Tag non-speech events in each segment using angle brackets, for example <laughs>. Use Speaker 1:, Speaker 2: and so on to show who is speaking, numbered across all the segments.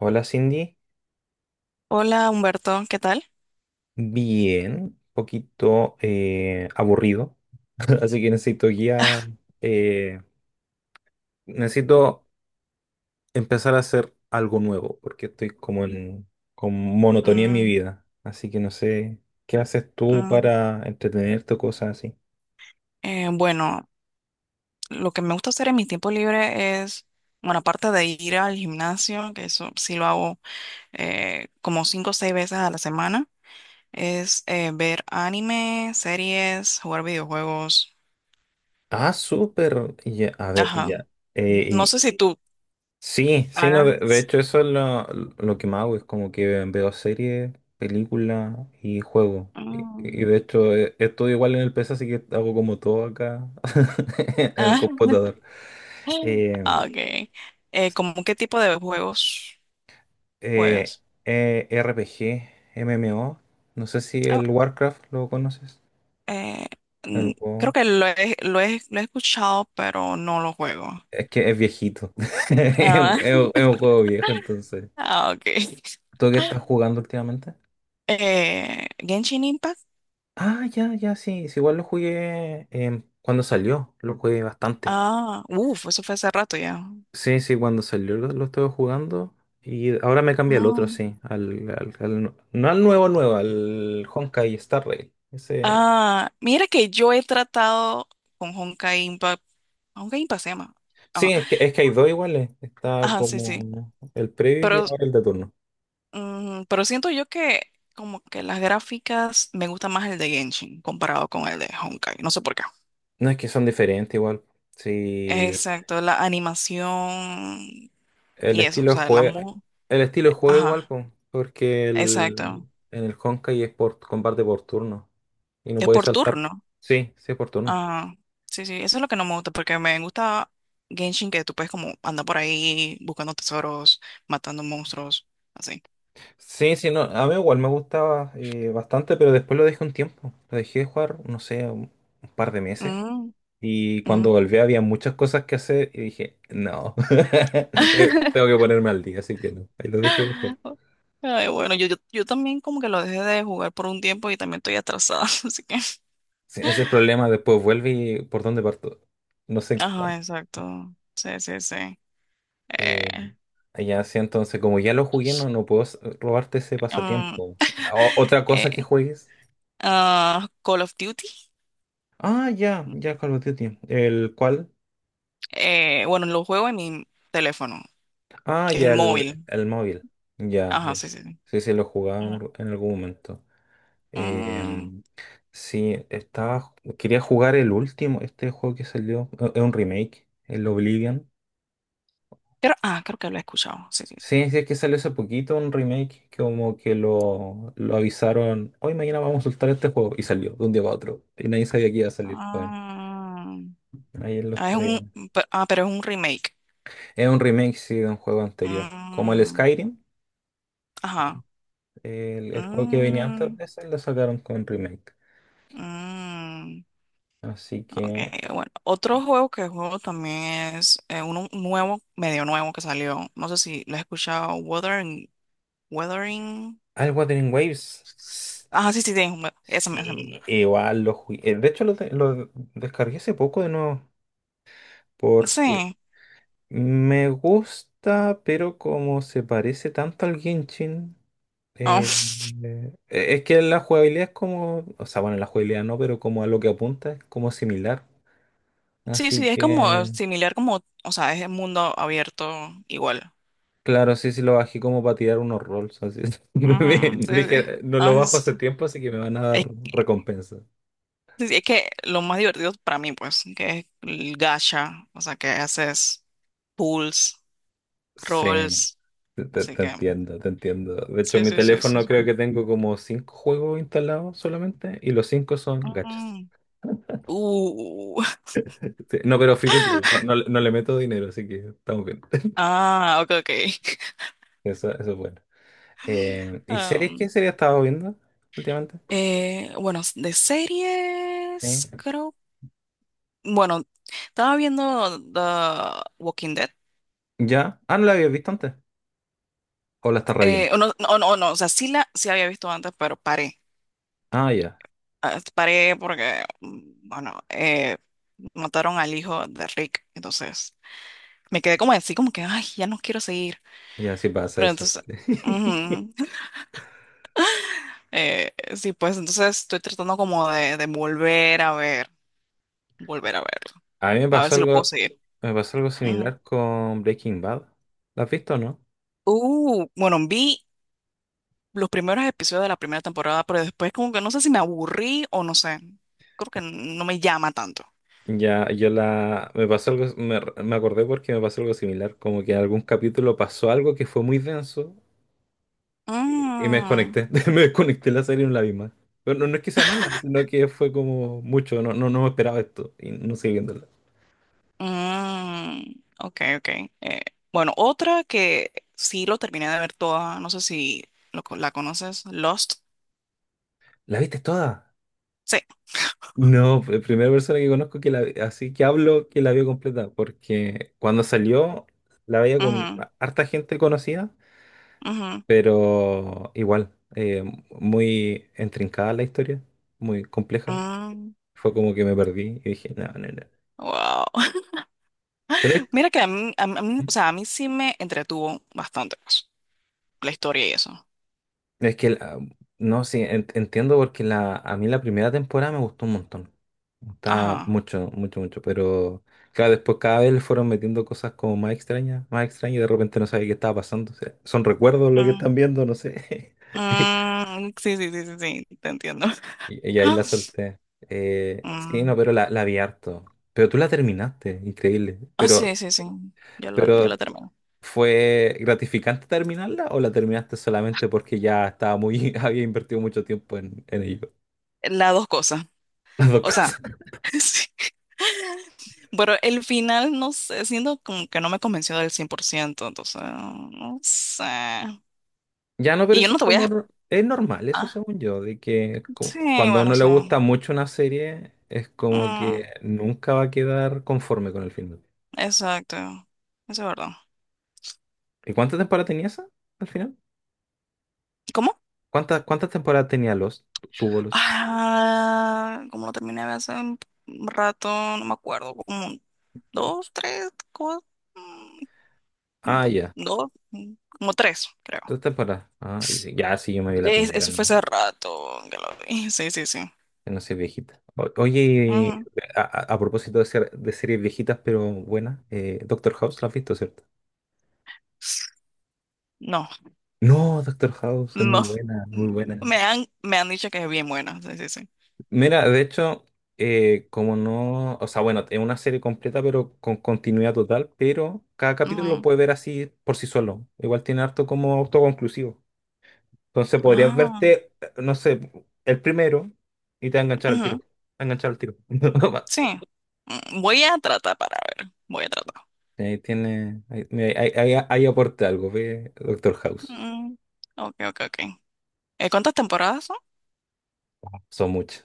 Speaker 1: Hola Cindy,
Speaker 2: Hola Humberto, ¿qué tal?
Speaker 1: bien, poquito aburrido, <laughs> así que necesito guía, eh, necesito empezar a hacer algo nuevo porque estoy como en con monotonía en mi
Speaker 2: Mm.
Speaker 1: vida, así que no sé, ¿qué haces tú
Speaker 2: mm,
Speaker 1: para entretenerte o cosas así?
Speaker 2: eh, bueno, lo que me gusta hacer en mi tiempo libre es, bueno, aparte de ir al gimnasio, que eso sí lo hago como cinco o seis veces a la semana, es ver anime, series, jugar videojuegos.
Speaker 1: Ah, súper, ya, a ver,
Speaker 2: Ajá.
Speaker 1: ya.
Speaker 2: No sé si tú
Speaker 1: Sí, sí, no, de
Speaker 2: hagas.
Speaker 1: hecho eso es lo que más hago, es como que veo series, películas y juegos. Y
Speaker 2: Mm,
Speaker 1: de hecho igual en el PC, así que hago como todo acá <laughs> en el
Speaker 2: ah,
Speaker 1: computador.
Speaker 2: <laughs>
Speaker 1: Eh,
Speaker 2: ah, ok. ¿Cómo qué tipo de juegos
Speaker 1: eh,
Speaker 2: juegas?
Speaker 1: RPG, MMO, no sé si el Warcraft lo conoces,
Speaker 2: Eh, mm,
Speaker 1: el
Speaker 2: Creo
Speaker 1: WoW.
Speaker 2: que lo he escuchado, pero no lo juego.
Speaker 1: Es que es viejito, <laughs> es un,
Speaker 2: Ah,
Speaker 1: es un- es
Speaker 2: <laughs>
Speaker 1: un juego viejo, entonces.
Speaker 2: ah, ok.
Speaker 1: ¿Tú qué estás jugando últimamente?
Speaker 2: Genshin Impact.
Speaker 1: Ah, ya, ya, sí, sí, igual lo jugué cuando salió, lo jugué bastante.
Speaker 2: Ah, uff, eso fue hace rato ya.
Speaker 1: Sí, sí, cuando salió lo estuve jugando y ahora me cambié al otro,
Speaker 2: Mm.
Speaker 1: sí, no al nuevo nuevo, al Honkai Star Rail. Ese...
Speaker 2: Ah, mira que yo he tratado con Honkai Impact. Honkai Impact se llama.
Speaker 1: Sí,
Speaker 2: Ajá,
Speaker 1: es que hay dos iguales, está
Speaker 2: ajá, sí, sí.
Speaker 1: como el previo
Speaker 2: Pero,
Speaker 1: y ahora el de turno.
Speaker 2: pero, siento yo que como que las gráficas me gusta más el de Genshin comparado con el de Honkai. No sé por qué.
Speaker 1: No, es que son diferentes igual, sí.
Speaker 2: Exacto, la animación.
Speaker 1: El
Speaker 2: Y eso,
Speaker 1: estilo
Speaker 2: o
Speaker 1: de
Speaker 2: sea, la
Speaker 1: juego,
Speaker 2: mu.
Speaker 1: el estilo de juego igual,
Speaker 2: Ajá,
Speaker 1: po, porque
Speaker 2: exacto.
Speaker 1: en el Honkai es por combate por turno y no
Speaker 2: Es
Speaker 1: puedes
Speaker 2: por
Speaker 1: saltar.
Speaker 2: turno.
Speaker 1: Sí, sí es por turno.
Speaker 2: Ah, sí, sí, eso es lo que no me gusta, porque me gusta Genshin, que tú puedes como andar por ahí buscando tesoros, matando monstruos, así.
Speaker 1: Sí, sí, no, a mí igual me gustaba bastante, pero después lo dejé un tiempo. Lo dejé de jugar, no sé, un par de meses.
Speaker 2: Mm,
Speaker 1: Y cuando
Speaker 2: mm.
Speaker 1: volví había muchas cosas que hacer y dije, no, <laughs> tengo que ponerme al día, así que no. Ahí lo dejé de jugar.
Speaker 2: <laughs> Ay, bueno, yo también como que lo dejé de jugar por un tiempo y también estoy atrasada, <laughs> así que.
Speaker 1: Sí, ese es el problema, después vuelve y por dónde parto. No sé en qué está.
Speaker 2: Ajá, exacto. Sí, sí, sí.
Speaker 1: Eh,
Speaker 2: Eh,
Speaker 1: ya, sí, entonces, como ya lo jugué, no, no puedo robarte ese
Speaker 2: mm,
Speaker 1: pasatiempo. ¿Otra cosa que
Speaker 2: eh,
Speaker 1: juegues?
Speaker 2: ah, Call of Duty.
Speaker 1: Ah, ya, ya, Call of Duty. ¿El cuál?
Speaker 2: Bueno, lo juego en mi teléfono.
Speaker 1: Ah,
Speaker 2: Que es el
Speaker 1: ya,
Speaker 2: móvil.
Speaker 1: el móvil. Ya,
Speaker 2: Ajá, sí,
Speaker 1: yes.
Speaker 2: sí, sí.
Speaker 1: Sí, sí, lo jugaba en,
Speaker 2: Ujú.
Speaker 1: en algún momento.
Speaker 2: Mm,
Speaker 1: Em, sí, quería jugar el último, este juego que salió, es un remake, el Oblivion.
Speaker 2: pero, ah, creo que lo he escuchado. Sí, sí, sí.
Speaker 1: Sí, sí, es que salió hace poquito un remake que como que lo avisaron, hoy mañana vamos a soltar este juego y salió de un día para otro y nadie sabía que iba a salir. Bueno,
Speaker 2: Ah,
Speaker 1: ayer lo
Speaker 2: ah, es
Speaker 1: estoy.
Speaker 2: un, ah, pero es un remake.
Speaker 1: Es un remake, sí, de un juego anterior, como el
Speaker 2: Mm,
Speaker 1: Skyrim,
Speaker 2: ajá.
Speaker 1: el juego que venía antes
Speaker 2: Mm,
Speaker 1: de ese, lo sacaron con remake.
Speaker 2: mm,
Speaker 1: Así
Speaker 2: ok,
Speaker 1: que,
Speaker 2: bueno. Otro juego que juego también es uno nuevo, medio nuevo que salió. No sé si lo has escuchado. Wuthering. Wuthering.
Speaker 1: ah, el Wuthering Waves. S-
Speaker 2: Ajá, sí, sí, sí. Ese mismo.
Speaker 1: sí, igual lo jugué. De hecho, lo descargué hace poco de nuevo. Porque
Speaker 2: Sí.
Speaker 1: me gusta, pero como se parece tanto al Genshin,
Speaker 2: Oh.
Speaker 1: eh,
Speaker 2: <laughs>
Speaker 1: es que la jugabilidad es como, o sea, bueno, la jugabilidad no, pero como a lo que apunta es como similar.
Speaker 2: Sí,
Speaker 1: Así
Speaker 2: sí, es como
Speaker 1: que,
Speaker 2: similar como, o sea, es el mundo abierto igual.
Speaker 1: claro, sí, sí lo bajé como para tirar unos rolls. Así es. <laughs>
Speaker 2: Ujú, sí, sí.
Speaker 1: Dije, no lo
Speaker 2: Ah,
Speaker 1: bajo
Speaker 2: Es,
Speaker 1: hace tiempo, así que me van a
Speaker 2: es
Speaker 1: dar
Speaker 2: que
Speaker 1: recompensa.
Speaker 2: sí, es que lo más divertido para mí, pues, que es el gacha, o sea, que haces pulls,
Speaker 1: Sí,
Speaker 2: rolls,
Speaker 1: te, te-
Speaker 2: así
Speaker 1: te
Speaker 2: que,
Speaker 1: entiendo, te entiendo. De hecho, en
Speaker 2: sí,
Speaker 1: mi
Speaker 2: sí, sí, sí.
Speaker 1: teléfono
Speaker 2: sí.
Speaker 1: creo que tengo como cinco juegos instalados solamente y los cinco son gachas.
Speaker 2: Mm. Uh.
Speaker 1: Sí. No, pero free to play. No,
Speaker 2: <laughs>
Speaker 1: no, le no le meto dinero, así que estamos bien. <laughs>
Speaker 2: Ah, ok, ok. <laughs>
Speaker 1: Eso es bueno. ¿Y series?
Speaker 2: Um,
Speaker 1: ¿Qué serie has estado viendo últimamente?
Speaker 2: bueno, de series,
Speaker 1: Sí.
Speaker 2: creo, bueno, estaba viendo The Walking Dead.
Speaker 1: ¿Ya? Ah, ¿no la habías visto antes? ¿O la estás reviendo?
Speaker 2: O no, no, no, no, o sea, sí había visto antes, pero paré.
Speaker 1: Ah, ya.
Speaker 2: Ah, paré porque, bueno, mataron al hijo de Rick. Entonces, me quedé como así, como que, ay, ya no quiero seguir.
Speaker 1: Ya, sí pasa
Speaker 2: Pero
Speaker 1: eso.
Speaker 2: entonces,
Speaker 1: <laughs>
Speaker 2: ujú, <laughs> sí, pues entonces estoy tratando como de volver a ver, volver a verlo,
Speaker 1: A mí
Speaker 2: a ver si lo puedo seguir.
Speaker 1: me pasó algo
Speaker 2: Ujú.
Speaker 1: similar con Breaking Bad. ¿La has visto o no?
Speaker 2: Bueno, vi los primeros episodios de la primera temporada, pero después como que no sé si me aburrí o no sé. Creo que no me llama tanto.
Speaker 1: Ya, yo la, me pasó algo, me acordé porque me pasó algo similar, como que en algún capítulo pasó algo que fue muy denso. Y me
Speaker 2: Mm.
Speaker 1: desconecté, <laughs> me desconecté de la serie en la misma. Pero no, no es que sea mala, sino que fue como mucho, no, no, no me esperaba esto y no seguí viéndola.
Speaker 2: Mm, ok, ok. Eh, bueno, otra que sí lo terminé de ver toda, no sé si la conoces, Lost.
Speaker 1: ¿La viste toda?
Speaker 2: Sí.
Speaker 1: No, la primera persona que conozco que la, así que hablo que la vio completa, porque cuando salió la veía con
Speaker 2: Ujú,
Speaker 1: harta gente conocida,
Speaker 2: ujú,
Speaker 1: pero igual, muy intrincada la historia, muy compleja.
Speaker 2: mm,
Speaker 1: Fue como que me perdí y dije, no, no, no.
Speaker 2: wow. <laughs>
Speaker 1: Pero,
Speaker 2: Mira que a mí, o sea, a mí sí me entretuvo bastante pues, la historia y eso.
Speaker 1: es que, no, sí, entiendo porque la, a mí la primera temporada me gustó un montón. Me gustaba
Speaker 2: Ajá.
Speaker 1: mucho, mucho, mucho. Pero, claro, después cada vez le fueron metiendo cosas como más extrañas y de repente no sabía qué estaba pasando. O sea, son recuerdos lo que
Speaker 2: Mm,
Speaker 1: están viendo, no sé. <laughs>
Speaker 2: mm, sí, sí, sí, sí, sí, te entiendo. <laughs>
Speaker 1: Y, y ahí la solté. Sí, no,
Speaker 2: Mm,
Speaker 1: pero la vi harto. Pero tú la terminaste, increíble.
Speaker 2: ah, sí, sí, sí. Yo lo
Speaker 1: Pero,
Speaker 2: termino.
Speaker 1: ¿fue gratificante terminarla o la terminaste solamente porque ya estaba muy, <laughs> había invertido mucho tiempo en ello?
Speaker 2: Las dos cosas.
Speaker 1: <laughs> Las dos
Speaker 2: O sea,
Speaker 1: cosas.
Speaker 2: <laughs> sí. Pero el final, no sé, siento como que no me convenció del 100% entonces, no sé.
Speaker 1: Ya no, pero
Speaker 2: Y yo
Speaker 1: eso
Speaker 2: no
Speaker 1: es
Speaker 2: te voy
Speaker 1: como...
Speaker 2: a...
Speaker 1: Es normal, eso
Speaker 2: Ah,
Speaker 1: según yo, de que
Speaker 2: sí,
Speaker 1: cuando a
Speaker 2: bueno,
Speaker 1: uno le
Speaker 2: sí.
Speaker 1: gusta mucho una serie, es como que
Speaker 2: Mm,
Speaker 1: nunca va a quedar conforme con el final.
Speaker 2: exacto. Eso es verdad.
Speaker 1: ¿Y cuántas temporadas tenía esa al final?
Speaker 2: ¿Cómo?
Speaker 1: ¿Cuántas, cuántas temporadas tenía los? Tuvo los.
Speaker 2: Ah, como lo terminé de hace un rato, no me acuerdo, como dos, tres, cuatro,
Speaker 1: Ah,
Speaker 2: dos,
Speaker 1: ya.
Speaker 2: dos, como tres, creo.
Speaker 1: 3 temporadas. Ah, y sí, ya sí, yo me vi la primera
Speaker 2: Eso fue
Speaker 1: nomás.
Speaker 2: hace rato que lo vi. Sí, sí, sí.
Speaker 1: Que no sé, viejita. Oye,
Speaker 2: Ujú.
Speaker 1: a, a propósito de, ser, de series viejitas pero buenas, Doctor House, ¿la has visto, cierto?
Speaker 2: No.
Speaker 1: No, Doctor House es muy
Speaker 2: No,
Speaker 1: buena, muy
Speaker 2: no.
Speaker 1: buena.
Speaker 2: Me han dicho que es bien buena. Sí, sí, sí.
Speaker 1: Mira, de hecho, como no, o sea, bueno, es una serie completa, pero con continuidad total, pero cada capítulo lo
Speaker 2: Ujú.
Speaker 1: puedes ver así por sí solo. Igual tiene harto como autoconclusivo. Entonces podrías
Speaker 2: Ah,
Speaker 1: verte, no sé, el primero y te va a enganchar al
Speaker 2: ujú,
Speaker 1: tiro. Te va a enganchar al tiro. <laughs>
Speaker 2: sí. Mm, voy a tratar para ver. Voy a tratar.
Speaker 1: Ahí tiene, ahí, mira, ahí aporta algo, ve, Doctor House.
Speaker 2: Mm, ok, ok, ok. ¿Cuántas temporadas son?
Speaker 1: Son muchas.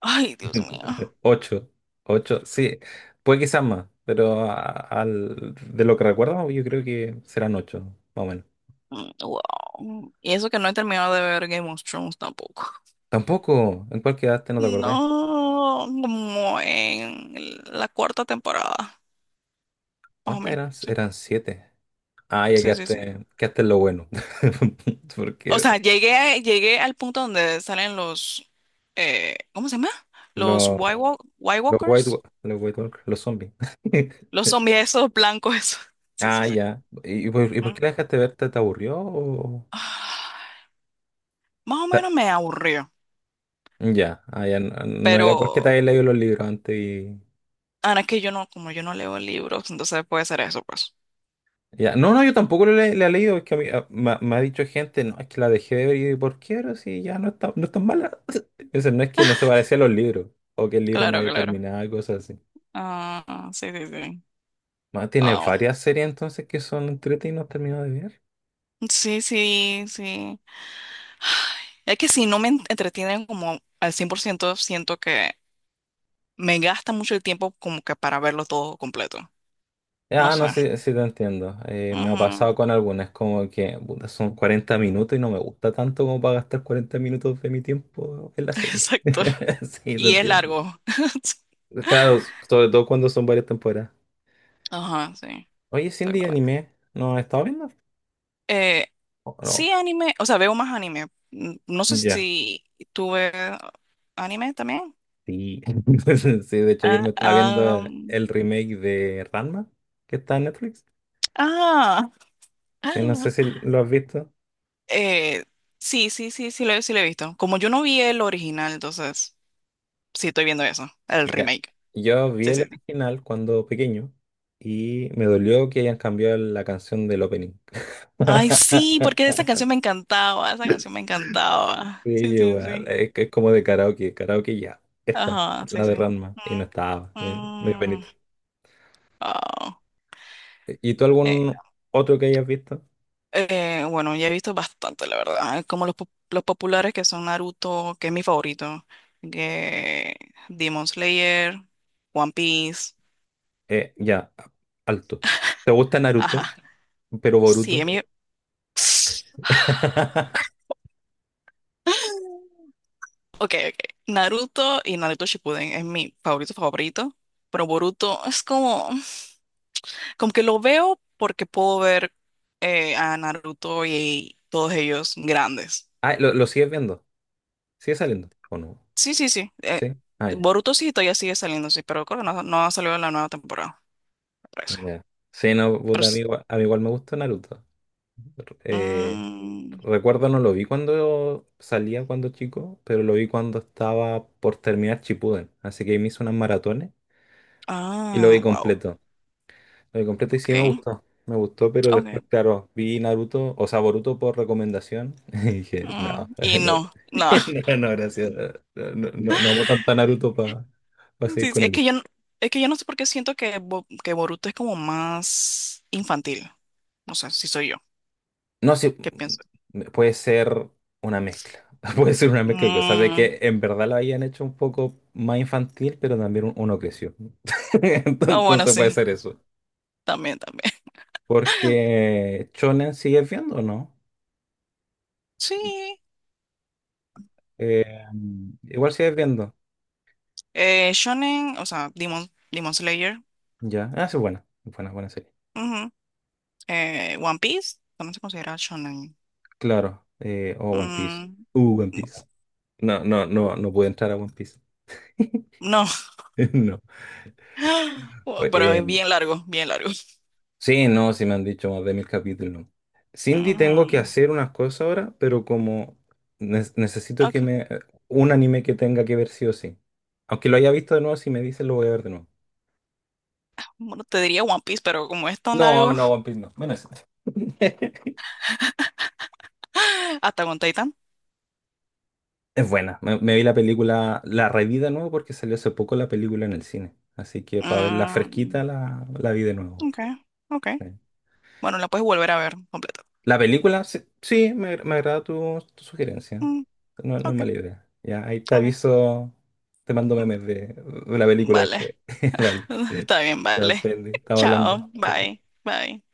Speaker 2: Ay, Dios mío.
Speaker 1: <laughs> 8, 8, sí, puede quizás más, pero de lo que recuerdo, yo creo que serán 8, más o menos.
Speaker 2: Mm, wow. Y eso que no he terminado de ver Game of Thrones tampoco.
Speaker 1: Tampoco. ¿En cuál quedaste? No te acordé.
Speaker 2: No, como en la cuarta temporada, más o
Speaker 1: ¿Cuántas
Speaker 2: menos.
Speaker 1: eran?
Speaker 2: Sí,
Speaker 1: Eran 7. Ah, ya
Speaker 2: sí, sí, sí.
Speaker 1: quedaste, quedaste en lo bueno. <laughs>
Speaker 2: O
Speaker 1: Porque
Speaker 2: sea, llegué, llegué al punto donde salen los, ¿cómo se llama? Los
Speaker 1: los,
Speaker 2: White, White
Speaker 1: los White,
Speaker 2: Walkers,
Speaker 1: los White Walkers, los zombies.
Speaker 2: los
Speaker 1: <laughs>
Speaker 2: zombies esos blancos esos. <laughs> Sí, sí,
Speaker 1: Ah,
Speaker 2: sí.
Speaker 1: ya. Y por
Speaker 2: Mm.
Speaker 1: qué la dejaste ver? ¿Te, te aburrió? O-
Speaker 2: Ah, más o
Speaker 1: Ta-
Speaker 2: menos me aburrió,
Speaker 1: ya, ah, ya. No, no era porque te
Speaker 2: pero
Speaker 1: habías leído los libros antes.
Speaker 2: ahora es que yo no, como yo no leo libros, entonces puede ser eso, pues.
Speaker 1: Ya, no, no, yo tampoco le he leído, es que a mí, me, me ha dicho gente, no, es que la dejé de ver y ¿por qué? Pero si ya no está, no es tan mala. <laughs> Entonces no es que no se parecía a los libros, o que el libro no
Speaker 2: Claro,
Speaker 1: haya
Speaker 2: claro.
Speaker 1: terminado, cosas así.
Speaker 2: Ah, sí, sí, sí.
Speaker 1: Más tiene
Speaker 2: Wow.
Speaker 1: varias series entonces que son entretenidas y no he terminado de ver.
Speaker 2: Sí, sí, sí. Ay, es que si no me entretienen como al 100% siento que me gasta mucho el tiempo como que para verlo todo completo. No
Speaker 1: Ah,
Speaker 2: sé.
Speaker 1: no sé si te entiendo. Me ha
Speaker 2: Ujú,
Speaker 1: pasado con algunas, como que puta, son 40 minutos y no me gusta tanto como para gastar 40 minutos de mi tiempo en la
Speaker 2: <laughs>
Speaker 1: serie.
Speaker 2: exacto.
Speaker 1: <laughs> Sí, te
Speaker 2: Y es
Speaker 1: entiendo.
Speaker 2: largo. <laughs>
Speaker 1: Claro, sobre todo cuando son varias temporadas.
Speaker 2: Ajá, sí,
Speaker 1: Oye, Cindy,
Speaker 2: exactamente.
Speaker 1: anime, ¿no has estado viendo?
Speaker 2: Eh,
Speaker 1: Oh, no,
Speaker 2: sí, anime, o sea, veo más anime. No sé
Speaker 1: ya,
Speaker 2: si tú ves anime también.
Speaker 1: sí. <laughs> Sí, de hecho ayer
Speaker 2: Ah,
Speaker 1: me estaba viendo el remake de Ranma, que está en Netflix.
Speaker 2: ah,
Speaker 1: Sí, no
Speaker 2: <laughs>
Speaker 1: sé si lo has visto.
Speaker 2: eh, sí, sí, sí, sí lo he visto. Como yo no vi el original, entonces sí estoy viendo eso, el
Speaker 1: Ya.
Speaker 2: remake.
Speaker 1: Yo vi
Speaker 2: Sí,
Speaker 1: el
Speaker 2: sí.
Speaker 1: original cuando pequeño y me dolió que hayan cambiado la canción del opening.
Speaker 2: Ay, sí, porque esa
Speaker 1: <laughs>
Speaker 2: canción me encantaba, esa canción me encantaba.
Speaker 1: Sí,
Speaker 2: Sí, sí,
Speaker 1: igual,
Speaker 2: sí.
Speaker 1: es que es como de karaoke, karaoke ya, esta,
Speaker 2: Ajá, sí,
Speaker 1: la de
Speaker 2: sí.
Speaker 1: Ranma, y no estaba, me dio
Speaker 2: Mm, mm,
Speaker 1: penita.
Speaker 2: ah.
Speaker 1: ¿Y tú
Speaker 2: Eh,
Speaker 1: algún otro que hayas visto?
Speaker 2: bueno, ya he visto bastante, la verdad. Como los populares que son Naruto, que es mi favorito, que Demon Slayer, One Piece.
Speaker 1: Ya, alto. ¿Te gusta Naruto,
Speaker 2: Ajá.
Speaker 1: pero
Speaker 2: Sí, es
Speaker 1: Boruto?
Speaker 2: mi... <sighs>
Speaker 1: <laughs>
Speaker 2: Ok, ok. Naruto y Naruto Shippuden es mi favorito favorito. Pero Boruto es como... Como que lo veo porque puedo ver a Naruto y todos ellos grandes.
Speaker 1: Ah, lo sigues viendo? ¿Sigue saliendo? ¿O no?
Speaker 2: Sí, sí, sí.
Speaker 1: ¿Sí? Ah, ya.
Speaker 2: Boruto sí todavía sigue saliendo, sí, pero creo que no, no ha salido la nueva temporada, me parece.
Speaker 1: Ya. Sí, no,
Speaker 2: Pero
Speaker 1: puta,
Speaker 2: sí.
Speaker 1: a mí igual me gusta Naruto. Eh,
Speaker 2: Mm,
Speaker 1: recuerdo, no lo vi cuando salía cuando chico, pero lo vi cuando estaba por terminar Shippuden. Así que ahí me hice unas maratones y lo vi
Speaker 2: ah, wow.
Speaker 1: completo. Lo vi completo y sí me
Speaker 2: Ok.
Speaker 1: gustó. Me gustó, pero
Speaker 2: Ok.
Speaker 1: después, claro, vi Naruto, o sea, Boruto por recomendación <laughs> y dije, no,
Speaker 2: Mm, y
Speaker 1: <laughs> no,
Speaker 2: no, no. <laughs>
Speaker 1: <laughs> no, no, gracias. No, no, no, no amo tanto a Naruto para seguir
Speaker 2: Sí, sí,
Speaker 1: con
Speaker 2: es
Speaker 1: él.
Speaker 2: que yo, es que yo no sé por qué siento que, que Boruto es como más infantil. No sé si soy yo.
Speaker 1: No sé,
Speaker 2: ¿Qué pienso?
Speaker 1: puede ser una mezcla. <laughs> Puede ser una mezcla de cosas, de
Speaker 2: Mm,
Speaker 1: que en verdad lo hayan hecho un poco más infantil, pero también uno creció. <laughs>
Speaker 2: ah, bueno,
Speaker 1: Entonces puede
Speaker 2: sí.
Speaker 1: ser eso.
Speaker 2: También, también.
Speaker 1: Porque Shonen sigues viendo, o ¿no?
Speaker 2: <laughs> Sí.
Speaker 1: Eh, igual sigues viendo.
Speaker 2: Shonen, o sea, Demon Slayer.
Speaker 1: Ya. Ah, sí, buena. Buena, buena serie.
Speaker 2: Ujú. One Piece. También se considera shonen.
Speaker 1: Claro. Oh, One Piece.
Speaker 2: Mm,
Speaker 1: One Piece. No, no, no, no pude entrar a One Piece. <laughs>
Speaker 2: no,
Speaker 1: No.
Speaker 2: <gasps> pero es bien largo, bien largo.
Speaker 1: Sí, no, sí me han dicho más de 1.000 capítulos, ¿no? Cindy, tengo que
Speaker 2: Mm,
Speaker 1: hacer unas cosas ahora, pero como necesito que
Speaker 2: ok,
Speaker 1: me... un anime que tenga que ver sí o sí. Aunque lo haya visto de nuevo, si me dices lo voy a ver de nuevo.
Speaker 2: bueno, te diría One Piece, pero como es tan
Speaker 1: No,
Speaker 2: largo,
Speaker 1: no, One Piece no. Bueno, eso. <laughs>
Speaker 2: <gasps> hasta con Titan.
Speaker 1: Es buena. Me vi la película, la reví de nuevo porque salió hace poco la película en el cine. Así que para verla
Speaker 2: Mm,
Speaker 1: fresquita la vi de nuevo.
Speaker 2: ok, ok. Bueno, la puedes volver a ver completa.
Speaker 1: La película, sí, sí, me agrada tu sugerencia.
Speaker 2: Mm,
Speaker 1: No, no es
Speaker 2: ok,
Speaker 1: mala idea. Ya, ahí te
Speaker 2: ok.
Speaker 1: aviso, te mando
Speaker 2: Mm,
Speaker 1: memes de la película después.
Speaker 2: Vale,
Speaker 1: <laughs> Vale,
Speaker 2: <laughs> está bien,
Speaker 1: ya,
Speaker 2: vale.
Speaker 1: Sandy,
Speaker 2: <laughs>
Speaker 1: estamos
Speaker 2: Chao,
Speaker 1: hablando. Chao,
Speaker 2: bye,
Speaker 1: chao.
Speaker 2: bye.